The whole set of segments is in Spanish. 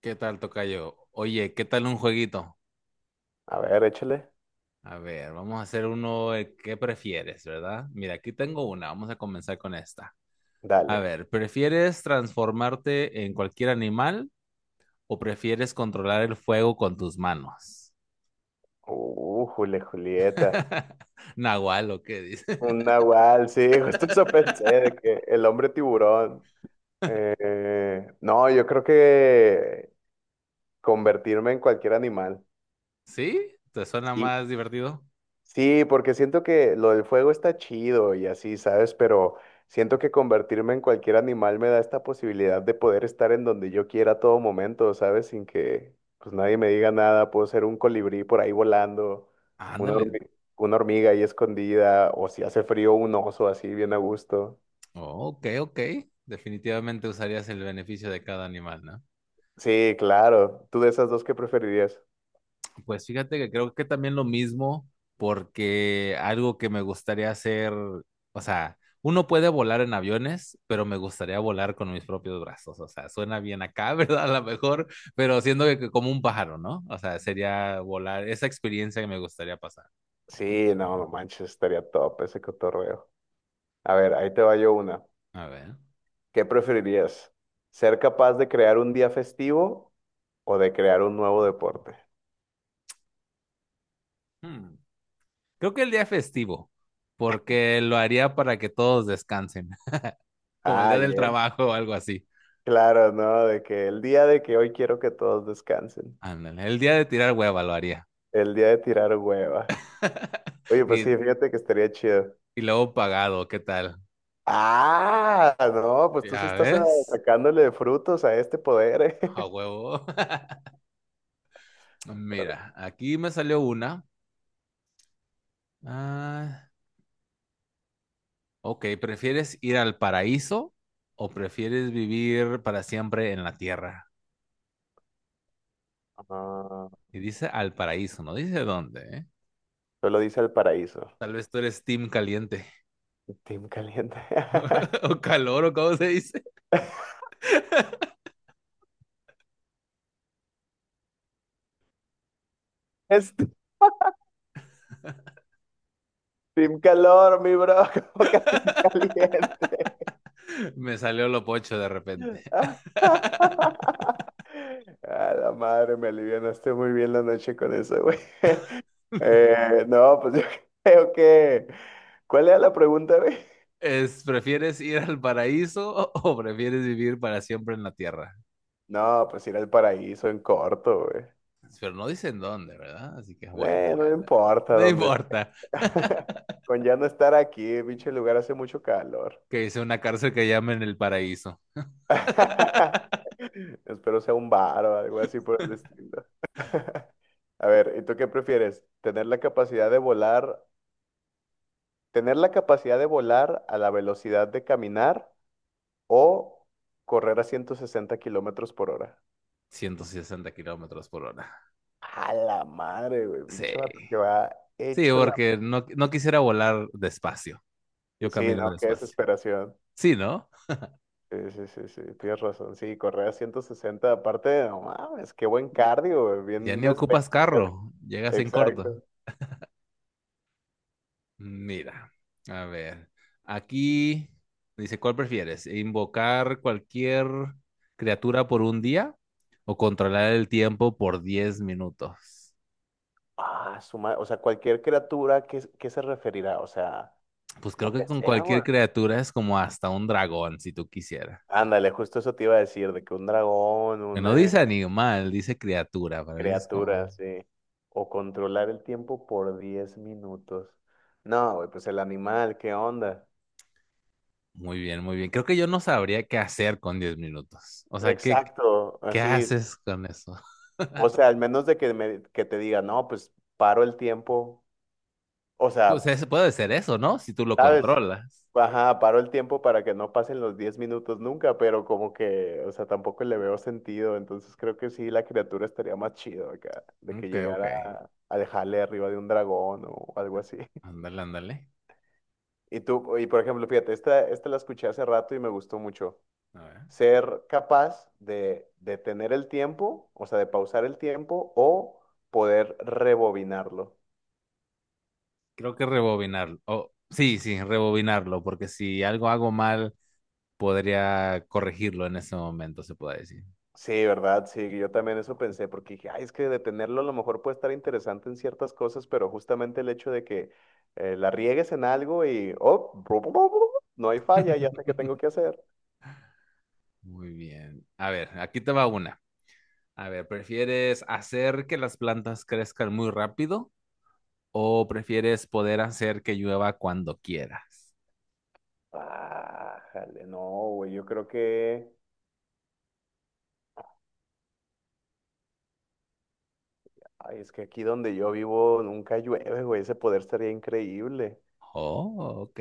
¿Qué tal, tocayo? Oye, ¿qué tal un jueguito? A ver, échale. A ver, vamos a hacer uno, ¿qué prefieres, verdad? Mira, aquí tengo una, vamos a comenzar con esta. A Dale. ver, ¿prefieres transformarte en cualquier animal o prefieres controlar el fuego con tus manos? Julieta. Nahual, ¿o qué dice? Un nahual, sí, justo eso pensé, de que el hombre tiburón. No, yo creo que convertirme en cualquier animal. ¿Sí? ¿Te suena Sí, más divertido? sí, porque siento que lo del fuego está chido y así, ¿sabes? Pero siento que convertirme en cualquier animal me da esta posibilidad de poder estar en donde yo quiera a todo momento, ¿sabes? Sin que pues nadie me diga nada. Puedo ser un colibrí por ahí volando, una Ándale. hormi- una hormiga ahí escondida, o si hace frío, un oso así bien a gusto. Oh, ok, ok. Definitivamente usarías el beneficio de cada animal, ¿no? Sí, claro. ¿Tú de esas dos qué preferirías? Pues fíjate que creo que también lo mismo, porque algo que me gustaría hacer, o sea, uno puede volar en aviones, pero me gustaría volar con mis propios brazos, o sea, suena bien acá, ¿verdad? A lo mejor, pero siendo que como un pájaro, ¿no? O sea, sería volar, esa experiencia que me gustaría pasar. Sí, no, no manches, estaría top ese cotorreo. A ver, ahí te va yo una. A ver. ¿Qué preferirías? ¿Ser capaz de crear un día festivo o de crear un nuevo deporte? hmm, Creo que el día festivo, porque lo haría para que todos descansen, como el día Ah, del bien. trabajo o algo así. Claro, ¿no? De que el día de que hoy quiero que todos descansen. Ándale, el día de tirar hueva lo haría. El día de tirar hueva. Oye, pues Y, sí, fíjate que estaría chido. y luego pagado, ¿qué tal? Ah, no, pues tú sí ¿Ya estás ves? sacándole frutos a este poder, A ¿eh? huevo. Mira, aquí me salió una. Ah, ok, ¿prefieres ir al paraíso o prefieres vivir para siempre en la tierra? No, Y dice al paraíso, no dice dónde, ¿eh? solo dice el paraíso. Tal vez tú eres team caliente. Team caliente. O calor, o cómo se dice. Es Team calor, mi bro. ¿Cómo que Team caliente? Me salió lo pocho de repente. A la madre, me alivianaste muy bien la noche con eso, güey. No, pues yo creo que... ¿Cuál era la pregunta, güey? Es, ¿prefieres ir al paraíso o prefieres vivir para siempre en la tierra? No, pues ir al paraíso en corto, güey. Pero no dicen dónde, ¿verdad? Así que bueno, No me bueno, importa no dónde. importa. Con ya no estar aquí, pinche lugar hace mucho calor. Que es una cárcel que llaman El Paraíso. Espero sea un bar o algo así por el estilo. A ver, ¿y tú qué prefieres? ¿Tener la capacidad de volar a la velocidad de caminar o correr a 160 kilómetros por hora? 160 kilómetros por hora. A la madre, güey. Sí. Pinche vato que va Sí, hecho la. porque no, no quisiera volar despacio. Yo Sí, camino no, qué despacio. desesperación. Sí, ¿no? Sí, sí, sí, sí, tienes razón. Sí, correr a 160 aparte, no mames, qué buen Ya- cardio, güey, Ya bien ni ocupas esbelto, casi. carro. Llegas en Exacto. corto. Mira, a ver. Aquí dice, ¿cuál prefieres? ¿Invocar cualquier criatura por un día o controlar el tiempo por 10 minutos? Ah, o sea, cualquier criatura, ¿qué se referirá? O sea, Pues creo lo que que con sea, cualquier güey. criatura es como hasta un dragón, si tú quisieras. Ándale, justo eso te iba a decir, de que un dragón, Que un, no dice animal, dice criatura. Para mí es como, Criatura, sí. O controlar el tiempo por 10 minutos. No, güey, pues el animal, ¿qué onda? muy bien, muy bien. Creo que yo no sabría qué hacer con 10 minutos. O sea, ¿qué, Exacto, qué así. haces con eso? O sea, al menos de que, que te diga, no, pues paro el tiempo. O Pues sea, puede ser eso, ¿no? Si tú lo ¿sabes? controlas. Ajá, paro el tiempo para que no pasen los 10 minutos nunca, pero como que, o sea, tampoco le veo sentido. Entonces creo que sí, la criatura estaría más chido acá, de que Ok, ok. llegara a dejarle arriba de un dragón o algo así. Ándale, ándale. Y tú, y por ejemplo, fíjate, esta la escuché hace rato y me gustó mucho. A ver. Ser capaz de tener el tiempo, o sea, de pausar el tiempo o poder rebobinarlo. Creo que rebobinarlo. Oh, sí, sí, rebobinarlo, porque si algo hago mal, podría corregirlo en ese momento, se puede decir. Sí, ¿verdad? Sí, yo también eso pensé, porque dije, ay, es que detenerlo a lo mejor puede estar interesante en ciertas cosas, pero justamente el hecho de que la riegues en algo y, oh, no hay falla, ya sé qué tengo que hacer. Muy bien. A ver, aquí te va una. A ver, ¿prefieres hacer que las plantas crezcan muy rápido o prefieres poder hacer que llueva cuando quieras? Ah, jale, no, güey, yo creo que... Ay, es que aquí donde yo vivo nunca llueve, güey. Ese poder estaría increíble. Oh, ok.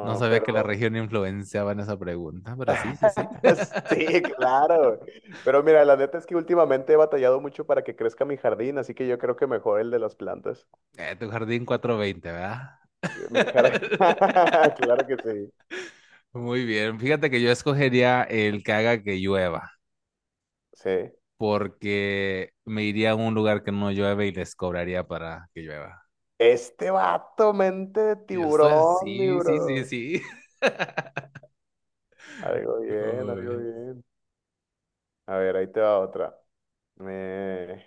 No sabía que la pero región influenciaba en esa pregunta, pero sí, sí, sí. sí, claro. Pero mira, la neta es que últimamente he batallado mucho para que crezca mi jardín, así que yo creo que mejor el de las plantas. Tu jardín 420, ¿verdad? Mi jardín. Claro que sí. Muy bien. Fíjate que yo escogería el que haga que llueva, Sí. porque me iría a un lugar que no llueve y les cobraría para que llueva. Este vato, mente de Yo estoy, tiburón, mi sí, sí, sí, bro. sí. Algo bien, algo Ay. bien. A ver, ahí te va otra. Eh,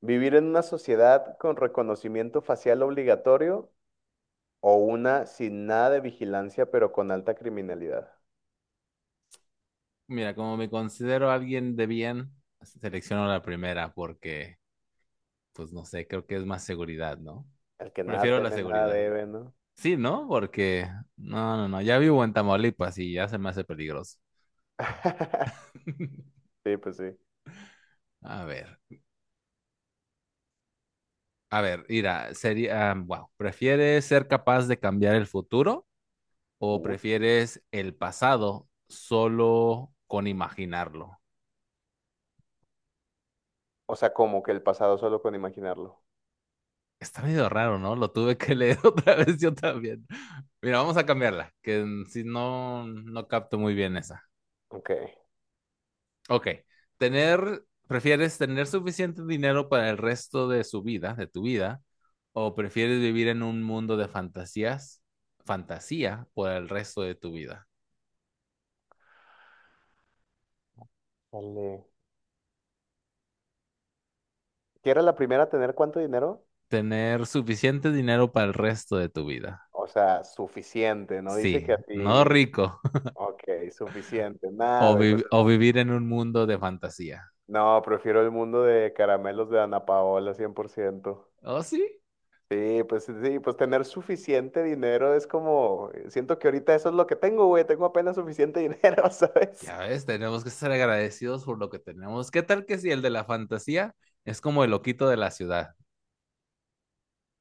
Vivir en una sociedad con reconocimiento facial obligatorio o una sin nada de vigilancia, pero con alta criminalidad. Mira, como me considero alguien de bien, selecciono la primera porque pues no sé, creo que es más seguridad, ¿no? El que nada Prefiero la teme, nada seguridad. debe, ¿no? Sí, ¿no? Porque no, no, no, ya vivo en Tamaulipas y ya se me hace peligroso. Sí, pues sí. A ver, a ver, mira, sería, ah, wow, ¿prefieres ser capaz de cambiar el futuro o Uy. prefieres el pasado solo con imaginarlo? O sea, como que el pasado solo con imaginarlo. Está medio raro, ¿no? Lo tuve que leer otra vez yo también. Mira, vamos a cambiarla, que si no, no capto muy bien esa. Ok. Ok. Tener, ¿prefieres tener suficiente dinero para el resto de su vida, de tu vida, o prefieres vivir en un mundo de fantasías, fantasía por el resto de tu vida? Dale. ¿Qué era la primera a tener cuánto dinero? Tener suficiente dinero para el resto de tu vida. O sea, suficiente, ¿no? Dice Sí, que no así. rico. Ok, suficiente. Nada, O, güey, pues vi- el o mundo. vivir en un mundo de fantasía. No, prefiero el mundo de caramelos de Ana Paola, 100%. ¿Oh, sí? Sí, pues tener suficiente dinero es como, siento que ahorita eso es lo que tengo, güey, tengo apenas suficiente dinero, ¿sabes? Ya ves, tenemos que ser agradecidos por lo que tenemos. ¿Qué tal que si el de la fantasía es como el loquito de la ciudad?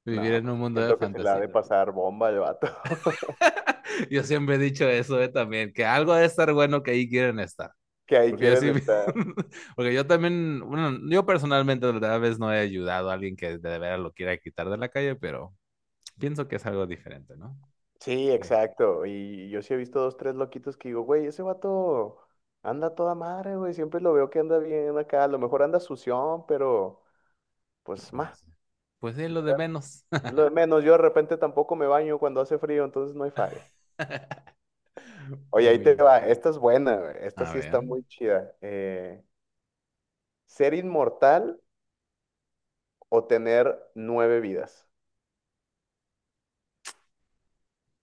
Vivir No, en un pues mundo de siento que se la ha fantasía. de pasar bomba el vato, Yo siempre he dicho eso también, que algo debe estar bueno que ahí quieren estar. que ahí Porque yo quieren sí, estar. porque yo también, bueno, yo personalmente tal vez no he ayudado a alguien que de veras lo quiera quitar de la calle, pero pienso que es algo diferente, ¿no? Sí, Que, exacto, y yo sí he visto dos, tres loquitos que digo, güey, ese vato anda a toda madre, güey, siempre lo veo que anda bien acá, a lo mejor anda sución, pero pues, ma, pues, pues es lo de menos. es lo de menos, yo de repente tampoco me baño cuando hace frío, entonces no hay falla. Oye, ahí Muy te bien. va. Esta es buena, güey. Esta A sí ver, está muy chida. ¿Ser inmortal o tener nueve vidas?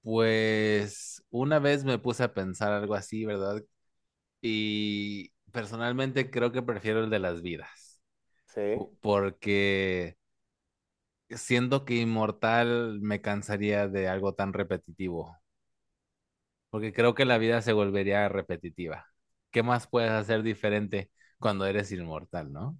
pues una vez me puse a pensar algo así, ¿verdad? Y personalmente creo que prefiero el de las vidas, Sí, porque siento que inmortal me cansaría de algo tan repetitivo, porque creo que la vida se volvería repetitiva. ¿Qué más puedes hacer diferente cuando eres inmortal, no?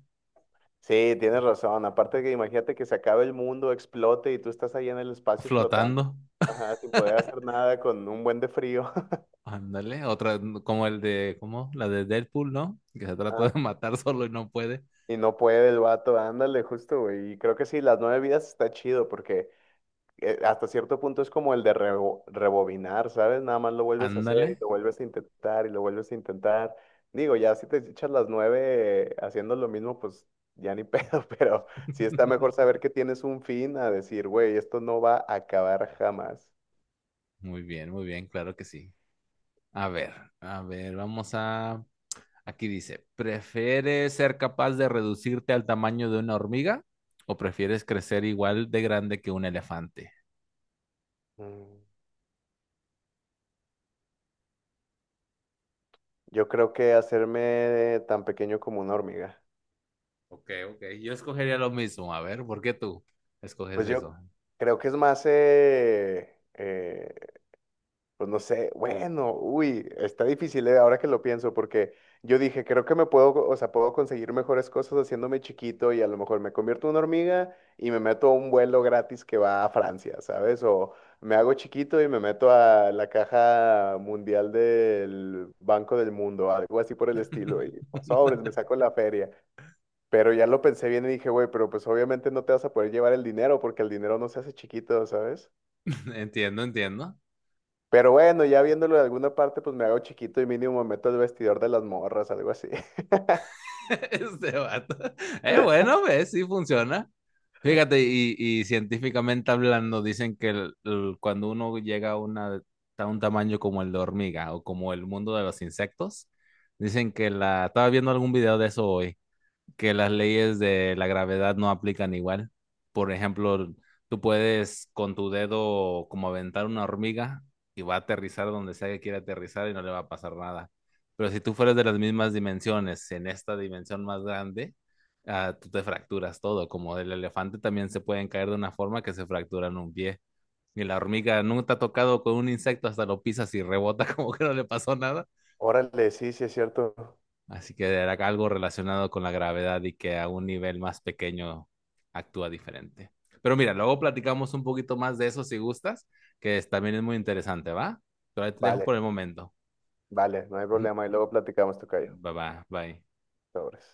sí, tienes razón. Aparte que imagínate que se acabe el mundo, explote y tú estás ahí en el espacio flotando. Flotando, Ajá, sin poder hacer nada con un buen de frío. ándale, otra como el de, ¿cómo? La de Deadpool, ¿no? Que se Ah, trata de matar solo y no puede. y no puede el vato, ándale, justo, güey. Y creo que sí, las nueve vidas está chido porque hasta cierto punto es como el de rebobinar, ¿sabes? Nada más lo vuelves a hacer y Ándale. lo vuelves a intentar y lo vuelves a intentar. Digo, ya si te echas las nueve haciendo lo mismo, pues ya ni pedo, pero sí está mejor saber que tienes un fin a decir, güey, esto no va a acabar jamás. Muy bien, claro que sí. A ver, a ver, vamos a aquí dice, ¿prefieres ser capaz de reducirte al tamaño de una hormiga o prefieres crecer igual de grande que un elefante? Mm, Yo creo que hacerme tan pequeño como una hormiga. Ok, ok, yo escogería lo mismo. A ver, ¿por qué tú escoges Pues yo eso? creo que es más pues no sé, bueno, uy, está difícil, ahora que lo pienso, porque yo dije, creo que me puedo, o sea, puedo conseguir mejores cosas haciéndome chiquito y a lo mejor me convierto en una hormiga y me meto a un vuelo gratis que va a Francia, ¿sabes? O me hago chiquito y me meto a la caja mundial del Banco del Mundo, algo así por el estilo, y pues, sobres, me saco la feria. Pero ya lo pensé bien y dije, güey, pero pues obviamente no te vas a poder llevar el dinero porque el dinero no se hace chiquito, ¿sabes? Entiendo, entiendo. Pero bueno, ya viéndolo de alguna parte, pues me hago chiquito y mínimo me meto al vestidor de las morras, algo así. Este vato. Bueno, ves, sí funciona. Fíjate, y científicamente hablando, dicen que cuando uno llega a un tamaño como el de hormiga o como el mundo de los insectos, dicen que la... Estaba viendo algún video de eso hoy, que las leyes de la gravedad no aplican igual. Por ejemplo, tú puedes con tu dedo como aventar una hormiga y va a aterrizar donde sea que quiera aterrizar y no le va a pasar nada. Pero si tú fueras de las mismas dimensiones, en esta dimensión más grande, ah, tú te fracturas todo. Como el elefante también se pueden caer de una forma que se fracturan un pie. Y la hormiga nunca te ha tocado con un insecto, hasta lo pisas y rebota como que no le pasó nada. Órale, sí, sí es cierto. Así que era algo relacionado con la gravedad y que a un nivel más pequeño actúa diferente. Pero mira, luego platicamos un poquito más de eso si gustas, que también es muy interesante, ¿va? Pero ahí te dejo por Vale, el momento. vale, no hay problema. Y luego platicamos, tocayo. Bye bye, bye. Sobres.